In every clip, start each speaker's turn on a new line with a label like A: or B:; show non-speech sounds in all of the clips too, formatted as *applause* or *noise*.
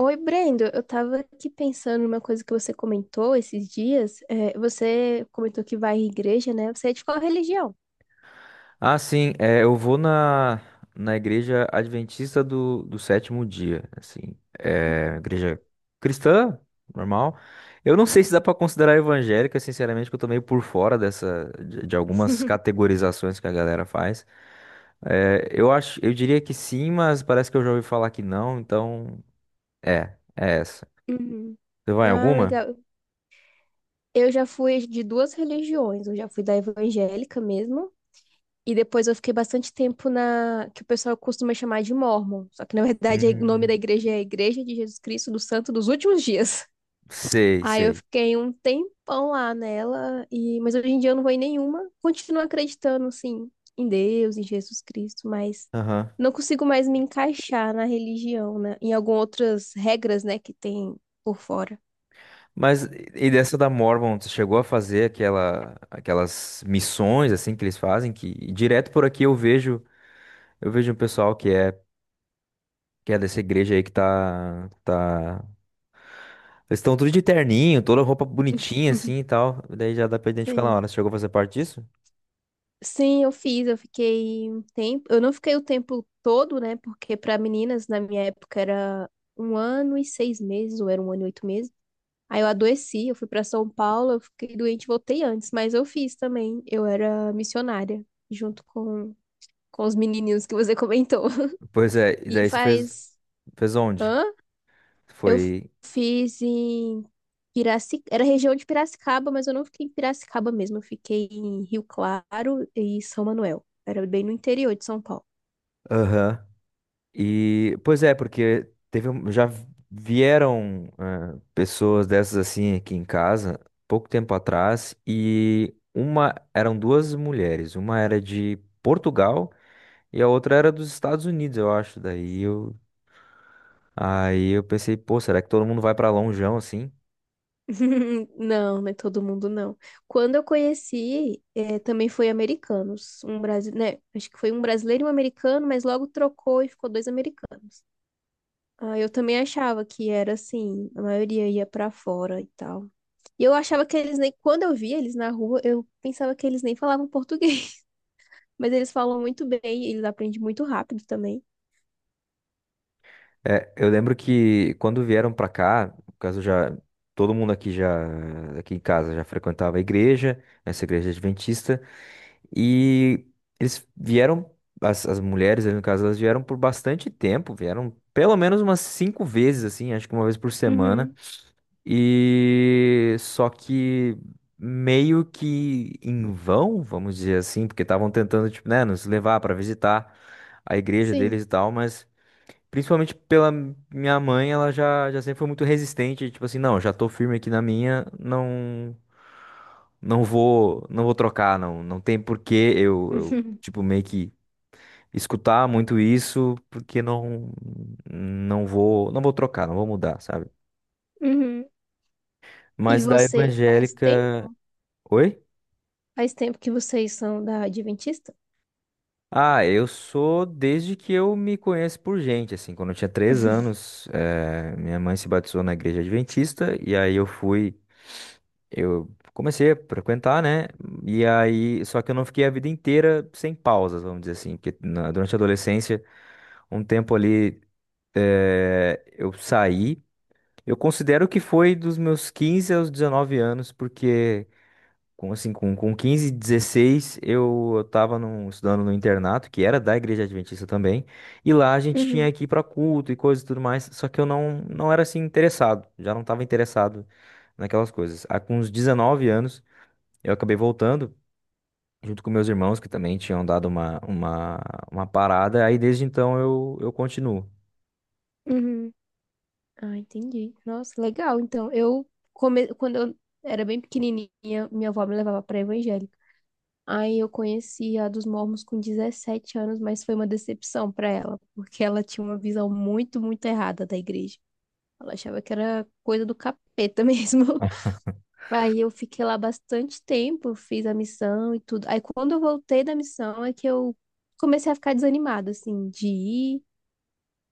A: Oi, Brendo. Eu tava aqui pensando numa coisa que você comentou esses dias. Você comentou que vai à igreja, né? Você é de qual religião?
B: Eu vou na igreja adventista do sétimo dia, assim, é, igreja cristã, normal. Eu não sei se dá pra considerar evangélica, sinceramente, que eu tô meio por fora dessa, de algumas categorizações que a galera faz. Eu diria que sim, mas parece que eu já ouvi falar que não, então, é essa.
A: Uhum.
B: Você vai em
A: Ah,
B: alguma?
A: legal. Eu já fui de duas religiões. Eu já fui da evangélica mesmo. E depois eu fiquei bastante tempo na que o pessoal costuma chamar de mórmon. Só que na verdade *laughs* o nome da
B: Hum,
A: igreja é Igreja de Jesus Cristo dos Santos dos Últimos Dias. Aí eu
B: sei.
A: fiquei um tempão lá nela, e mas hoje em dia eu não vou em nenhuma. Continuo acreditando, assim, em Deus, em Jesus Cristo, mas
B: Aham.
A: não consigo mais me encaixar na religião, né? Em algumas outras regras, né, que tem por fora.
B: Mas e dessa da Mormon, tu chegou a fazer aquelas missões assim que eles fazem, que direto por aqui eu vejo um pessoal que que é dessa igreja aí que eles estão tudo de terninho, toda roupa bonitinha assim
A: *laughs*
B: e tal. Daí já dá pra identificar na
A: Sim.
B: hora. Você chegou a fazer parte disso?
A: Sim, eu fiz, eu fiquei um tempo. Eu não fiquei o tempo todo, né? Porque para meninas, na minha época, era um ano e seis meses, ou era um ano e oito meses. Aí eu adoeci, eu fui pra São Paulo, eu fiquei doente, e voltei antes, mas eu fiz também. Eu era missionária, junto com, com os menininhos que você comentou.
B: Pois é,
A: *laughs*
B: e
A: E
B: daí você fez
A: faz.
B: fez onde?
A: Hã? Eu
B: Foi.
A: fiz em Piraci... Era região de Piracicaba, mas eu não fiquei em Piracicaba mesmo. Eu fiquei em Rio Claro e São Manuel. Era bem no interior de São Paulo.
B: Aham. E pois é, porque teve, já vieram pessoas dessas assim aqui em casa, pouco tempo atrás, e uma, eram duas mulheres, uma era de Portugal e a outra era dos Estados Unidos, eu acho. Daí eu, aí eu pensei, pô, será que todo mundo vai pra lonjão assim?
A: *laughs* Não, não é todo mundo, não. Quando eu conheci, também foi americanos. Um Brasi... né? Acho que foi um brasileiro e um americano, mas logo trocou e ficou dois americanos. Ah, eu também achava que era assim, a maioria ia pra fora e tal. E eu achava que eles nem, quando eu via eles na rua, eu pensava que eles nem falavam português. *laughs* Mas eles falam muito bem, eles aprendem muito rápido também.
B: É, eu lembro que quando vieram pra cá, no caso, já todo mundo aqui já, aqui em casa, já frequentava a igreja, essa igreja adventista. E eles vieram, as mulheres ali no caso, elas vieram por bastante tempo, vieram pelo menos umas cinco vezes, assim, acho que uma vez por semana.
A: Uhum,
B: E só que meio que em vão, vamos dizer assim, porque estavam tentando, tipo, né, nos levar para visitar a igreja deles
A: sim.
B: e tal, mas principalmente pela minha mãe, já sempre foi muito resistente, tipo assim, não, já tô firme aqui na minha, não vou, não vou trocar, não. Não tem porquê eu,
A: Uhum.
B: tipo, meio que escutar muito isso, porque não vou, não vou trocar, não vou mudar, sabe?
A: Uhum. E
B: Mas da
A: vocês faz
B: evangélica,
A: tempo?
B: oi?
A: Faz tempo que vocês são da Adventista?
B: Ah, eu sou desde que eu me conheço por gente, assim, quando eu tinha três
A: *laughs*
B: anos, minha mãe se batizou na igreja adventista, e eu comecei a frequentar, né? E aí, só que eu não fiquei a vida inteira sem pausas, vamos dizer assim, porque durante a adolescência, um tempo ali, eu saí. Eu considero que foi dos meus 15 aos 19 anos, porque com 15 16 eu, estudando no internato, que era da Igreja Adventista também, e lá a gente tinha
A: Uhum,
B: que ir para culto e coisas e tudo mais, só que eu não, não era assim interessado, já não estava interessado naquelas coisas. Aí, com uns 19 anos eu acabei voltando, junto com meus irmãos, que também tinham dado uma parada. Aí desde então eu continuo.
A: uhum. Ah, entendi. Nossa, legal. Então, eu come... quando eu era bem pequenininha, minha avó me levava para evangélica. Aí eu conheci a dos mormons com 17 anos, mas foi uma decepção para ela, porque ela tinha uma visão muito, muito errada da igreja. Ela achava que era coisa do capeta *laughs* mesmo. Aí eu fiquei lá bastante tempo, fiz a missão e tudo. Aí quando eu voltei da missão é que eu comecei a ficar desanimada, assim, de ir.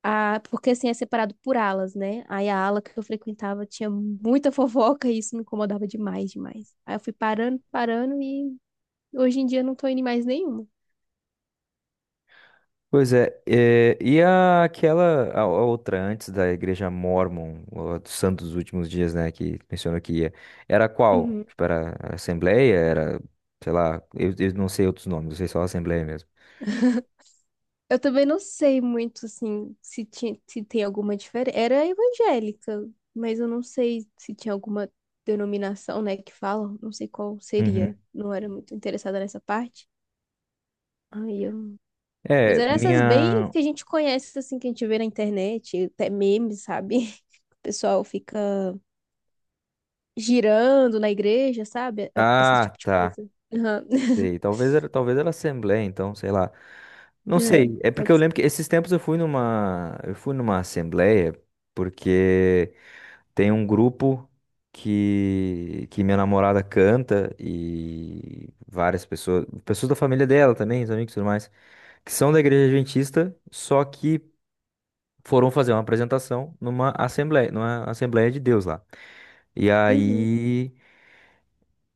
A: Ah, porque assim é separado por alas, né? Aí a ala que eu frequentava tinha muita *laughs* fofoca e isso me incomodava demais, demais. Aí eu fui parando, parando e hoje em dia eu não tô indo em mais nenhuma.
B: Pois é, é, e a outra antes da igreja Mórmon, ou a dos Santos dos Últimos Dias, né, que mencionou que ia, era qual?
A: Uhum.
B: Tipo, era a Assembleia, era, sei lá, eu não sei outros nomes, eu sei só a Assembleia mesmo.
A: Eu também não sei muito assim se tinha, se tem alguma diferença. Era evangélica, mas eu não sei se tinha alguma denominação, né, que falam, não sei qual
B: Uhum.
A: seria. Não era muito interessada nessa parte. Aí eu... Mas
B: É,
A: eram essas bem
B: minha...
A: que a gente conhece, assim, que a gente vê na internet, até memes, sabe? *laughs* O pessoal fica girando na igreja, sabe? Esse
B: Ah,
A: tipo de
B: tá,
A: coisa. Aham. *laughs*
B: sei, talvez era Assembleia, então, sei lá. Não
A: É,
B: sei, é porque eu
A: pode ser.
B: lembro que esses tempos eu fui eu fui numa Assembleia, porque... Tem um grupo que minha namorada canta e várias pessoas, pessoas da família dela também, os amigos e tudo mais, que são da igreja adventista, só que foram fazer uma apresentação numa assembleia de Deus lá. E
A: Uhum.
B: aí,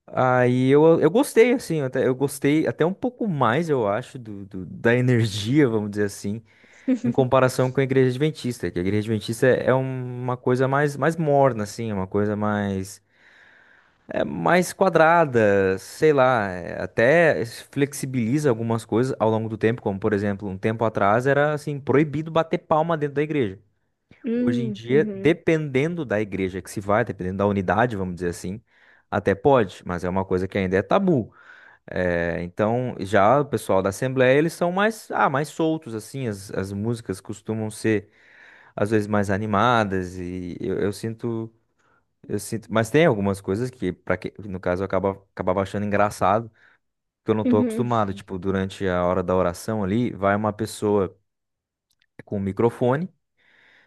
B: aí eu gostei, assim, até, eu gostei até um pouco mais, eu acho, da energia, vamos dizer assim, em
A: *laughs*
B: comparação com a igreja adventista, que a igreja adventista é uma coisa mais, mais morna, assim, é uma coisa mais. É mais quadrada, sei lá, é, até flexibiliza algumas coisas ao longo do tempo, como por exemplo, um tempo atrás era assim proibido bater palma dentro da igreja. Hoje em dia,
A: Uhum.
B: dependendo da igreja que se vai, dependendo da unidade, vamos dizer assim, até pode, mas é uma coisa que ainda é tabu. É, então, já o pessoal da Assembleia, eles são mais, ah, mais soltos assim, as músicas costumam ser às vezes mais animadas e eu sinto, mas tem algumas coisas no caso, acabava achando engraçado, que eu não tô
A: Uhum.
B: acostumado. Tipo, durante a hora da oração ali, vai uma pessoa com o microfone,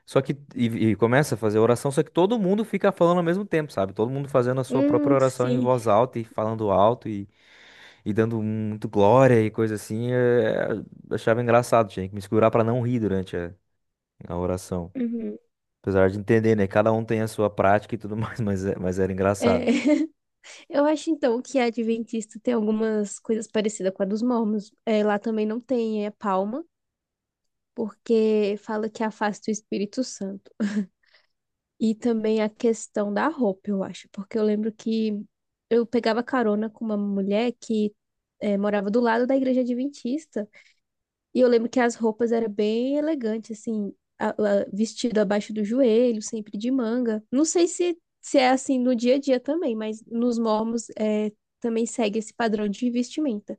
B: e começa a fazer a oração, só que todo mundo fica falando ao mesmo tempo, sabe? Todo mundo fazendo a sua própria oração em
A: Sim.
B: voz alta e falando alto, e dando muito glória e coisa assim. Eu achava engraçado, tinha que me segurar para não rir durante a oração.
A: Uhum.
B: Apesar de entender, né? Cada um tem a sua prática e tudo mais, *laughs* mas, mas era
A: É,
B: engraçado.
A: *laughs* eu acho então que a Adventista tem algumas coisas parecidas com a dos mormons. É, lá também não tem palma, porque fala que afasta o Espírito Santo. E também a questão da roupa, eu acho, porque eu lembro que eu pegava carona com uma mulher que morava do lado da igreja adventista, e eu lembro que as roupas eram bem elegantes, assim, vestido abaixo do joelho, sempre de manga. Não sei se, se é assim no dia a dia também, mas nos mormons também segue esse padrão de vestimenta.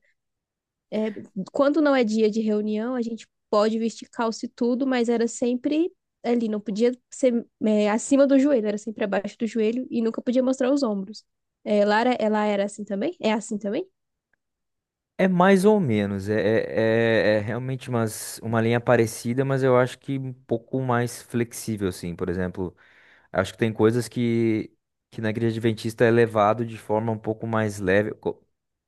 A: é, Quando não é dia de reunião, a gente pode vestir calça e tudo, mas era sempre ali, não podia ser acima do joelho, era sempre abaixo do joelho e nunca podia mostrar os ombros. É, Lara, ela era assim também? É assim também?
B: É mais ou menos, é realmente uma linha parecida, mas eu acho que um pouco mais flexível, assim. Por exemplo, acho que tem coisas que na igreja adventista é levado de forma um pouco mais leve,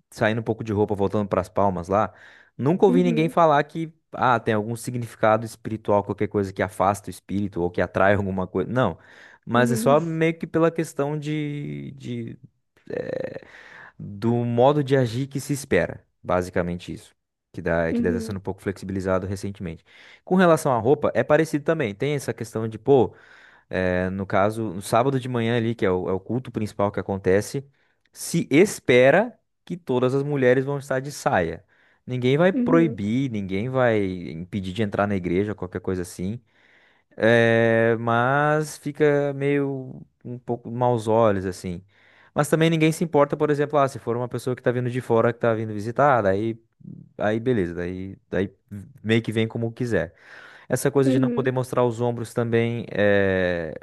B: saindo um pouco de roupa, voltando para as palmas lá. Nunca ouvi ninguém
A: Uhum,
B: falar que, ah, tem algum significado espiritual, qualquer coisa que afasta o espírito ou que atrai alguma coisa. Não, mas é
A: uhum,
B: só meio que pela questão do modo de agir que se espera. Basicamente isso. Que dá, que deve estar sendo
A: uhum,
B: um pouco flexibilizado recentemente. Com relação à roupa, é parecido também. Tem essa questão de, pô, no caso, no sábado de manhã ali, que é é o culto principal que acontece, se espera que todas as mulheres vão estar de saia. Ninguém vai
A: uhum,
B: proibir, ninguém vai impedir de entrar na igreja, qualquer coisa assim. É, mas fica meio um pouco maus olhos, assim. Mas também ninguém se importa, por exemplo, ah, se for uma pessoa que tá vindo de fora, que tá vindo visitar, daí, aí beleza, daí meio que vem como quiser. Essa coisa de não poder
A: uhum.
B: mostrar os ombros também é,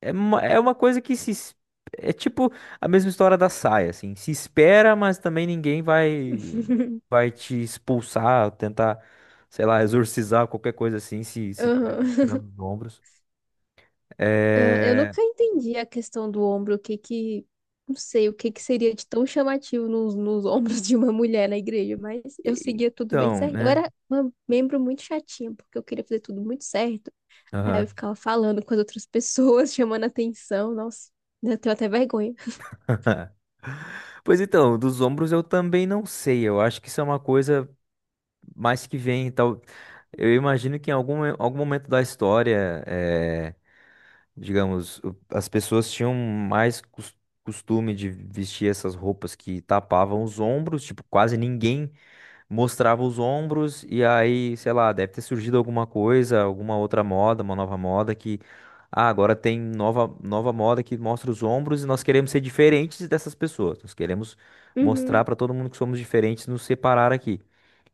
B: é, uma, é uma coisa que se. Es- é tipo a mesma história da saia, assim. Se espera, mas também ninguém
A: *laughs*
B: vai te expulsar, tentar, sei lá, exorcizar, qualquer coisa assim, se tiver
A: Aham.
B: mostrando os ombros.
A: Eu
B: É.
A: nunca entendi a questão do ombro, o que que, não sei, o que que seria de tão chamativo nos, nos *laughs* ombros de uma mulher na igreja, mas eu seguia tudo bem
B: Então,
A: certo. Eu
B: né?
A: era uma membro muito chatinha, porque eu queria fazer tudo muito certo. Aí eu
B: Aham.
A: ficava falando com as outras pessoas, *laughs* chamando atenção, nossa, eu tenho até vergonha.
B: *laughs* Pois então, dos ombros eu também não sei. Eu acho que isso é uma coisa mais que vem, tal. Eu imagino que em algum momento da história, eh, digamos, as pessoas tinham mais costume de vestir essas roupas que tapavam os ombros, tipo, quase ninguém mostrava os ombros e aí, sei lá, deve ter surgido alguma coisa, alguma outra moda, uma nova moda que ah, agora tem nova moda que mostra os ombros e nós queremos ser diferentes dessas pessoas. Nós queremos mostrar
A: Uhum,
B: para todo mundo que somos diferentes, nos separar aqui.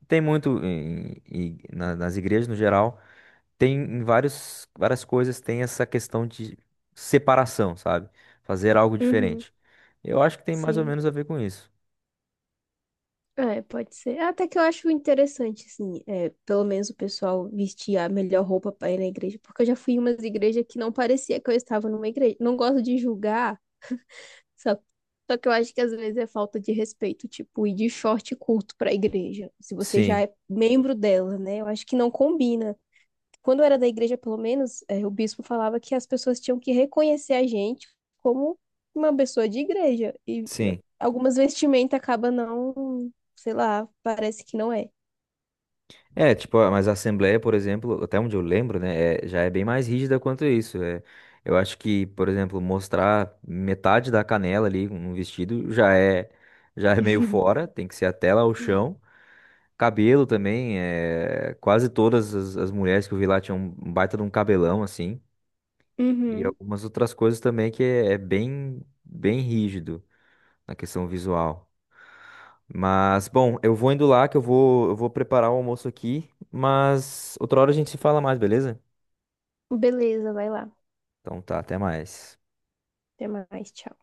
B: Tem muito nas igrejas no geral, tem em vários várias coisas, tem essa questão de separação, sabe? Fazer algo
A: uhum,
B: diferente. Eu acho que tem mais ou
A: sim.
B: menos a ver com isso.
A: É, pode ser. Até que eu acho interessante, assim, pelo menos o pessoal vestir a melhor roupa para ir na igreja, porque eu já fui em umas igrejas que não parecia que eu estava numa igreja. Não gosto de julgar, só, só que eu acho que às vezes é falta de respeito, tipo, ir de short curto para a igreja, se você já
B: Sim,
A: é membro dela, né? Eu acho que não combina. Quando eu era da igreja, pelo menos, é, o bispo falava que as pessoas tinham que reconhecer a gente como uma pessoa de igreja. E
B: sim.
A: algumas vestimenta acaba não, sei lá, parece que não é.
B: É, tipo, ah, mas a Assembleia, por exemplo, até onde eu lembro, né, já é bem mais rígida quanto isso. É, eu acho que, por exemplo, mostrar metade da canela ali no vestido já é meio
A: *laughs*
B: fora, tem que ser até lá o chão. Cabelo também, é, quase todas as mulheres que eu vi lá tinham um baita de um cabelão, assim. E
A: Uhum.
B: algumas outras coisas também é bem, bem rígido na questão visual. Mas, bom, eu vou indo lá que eu vou preparar o almoço aqui, mas outra hora a gente se fala mais, beleza?
A: Beleza, vai lá.
B: Então tá, até mais.
A: Até mais, tchau.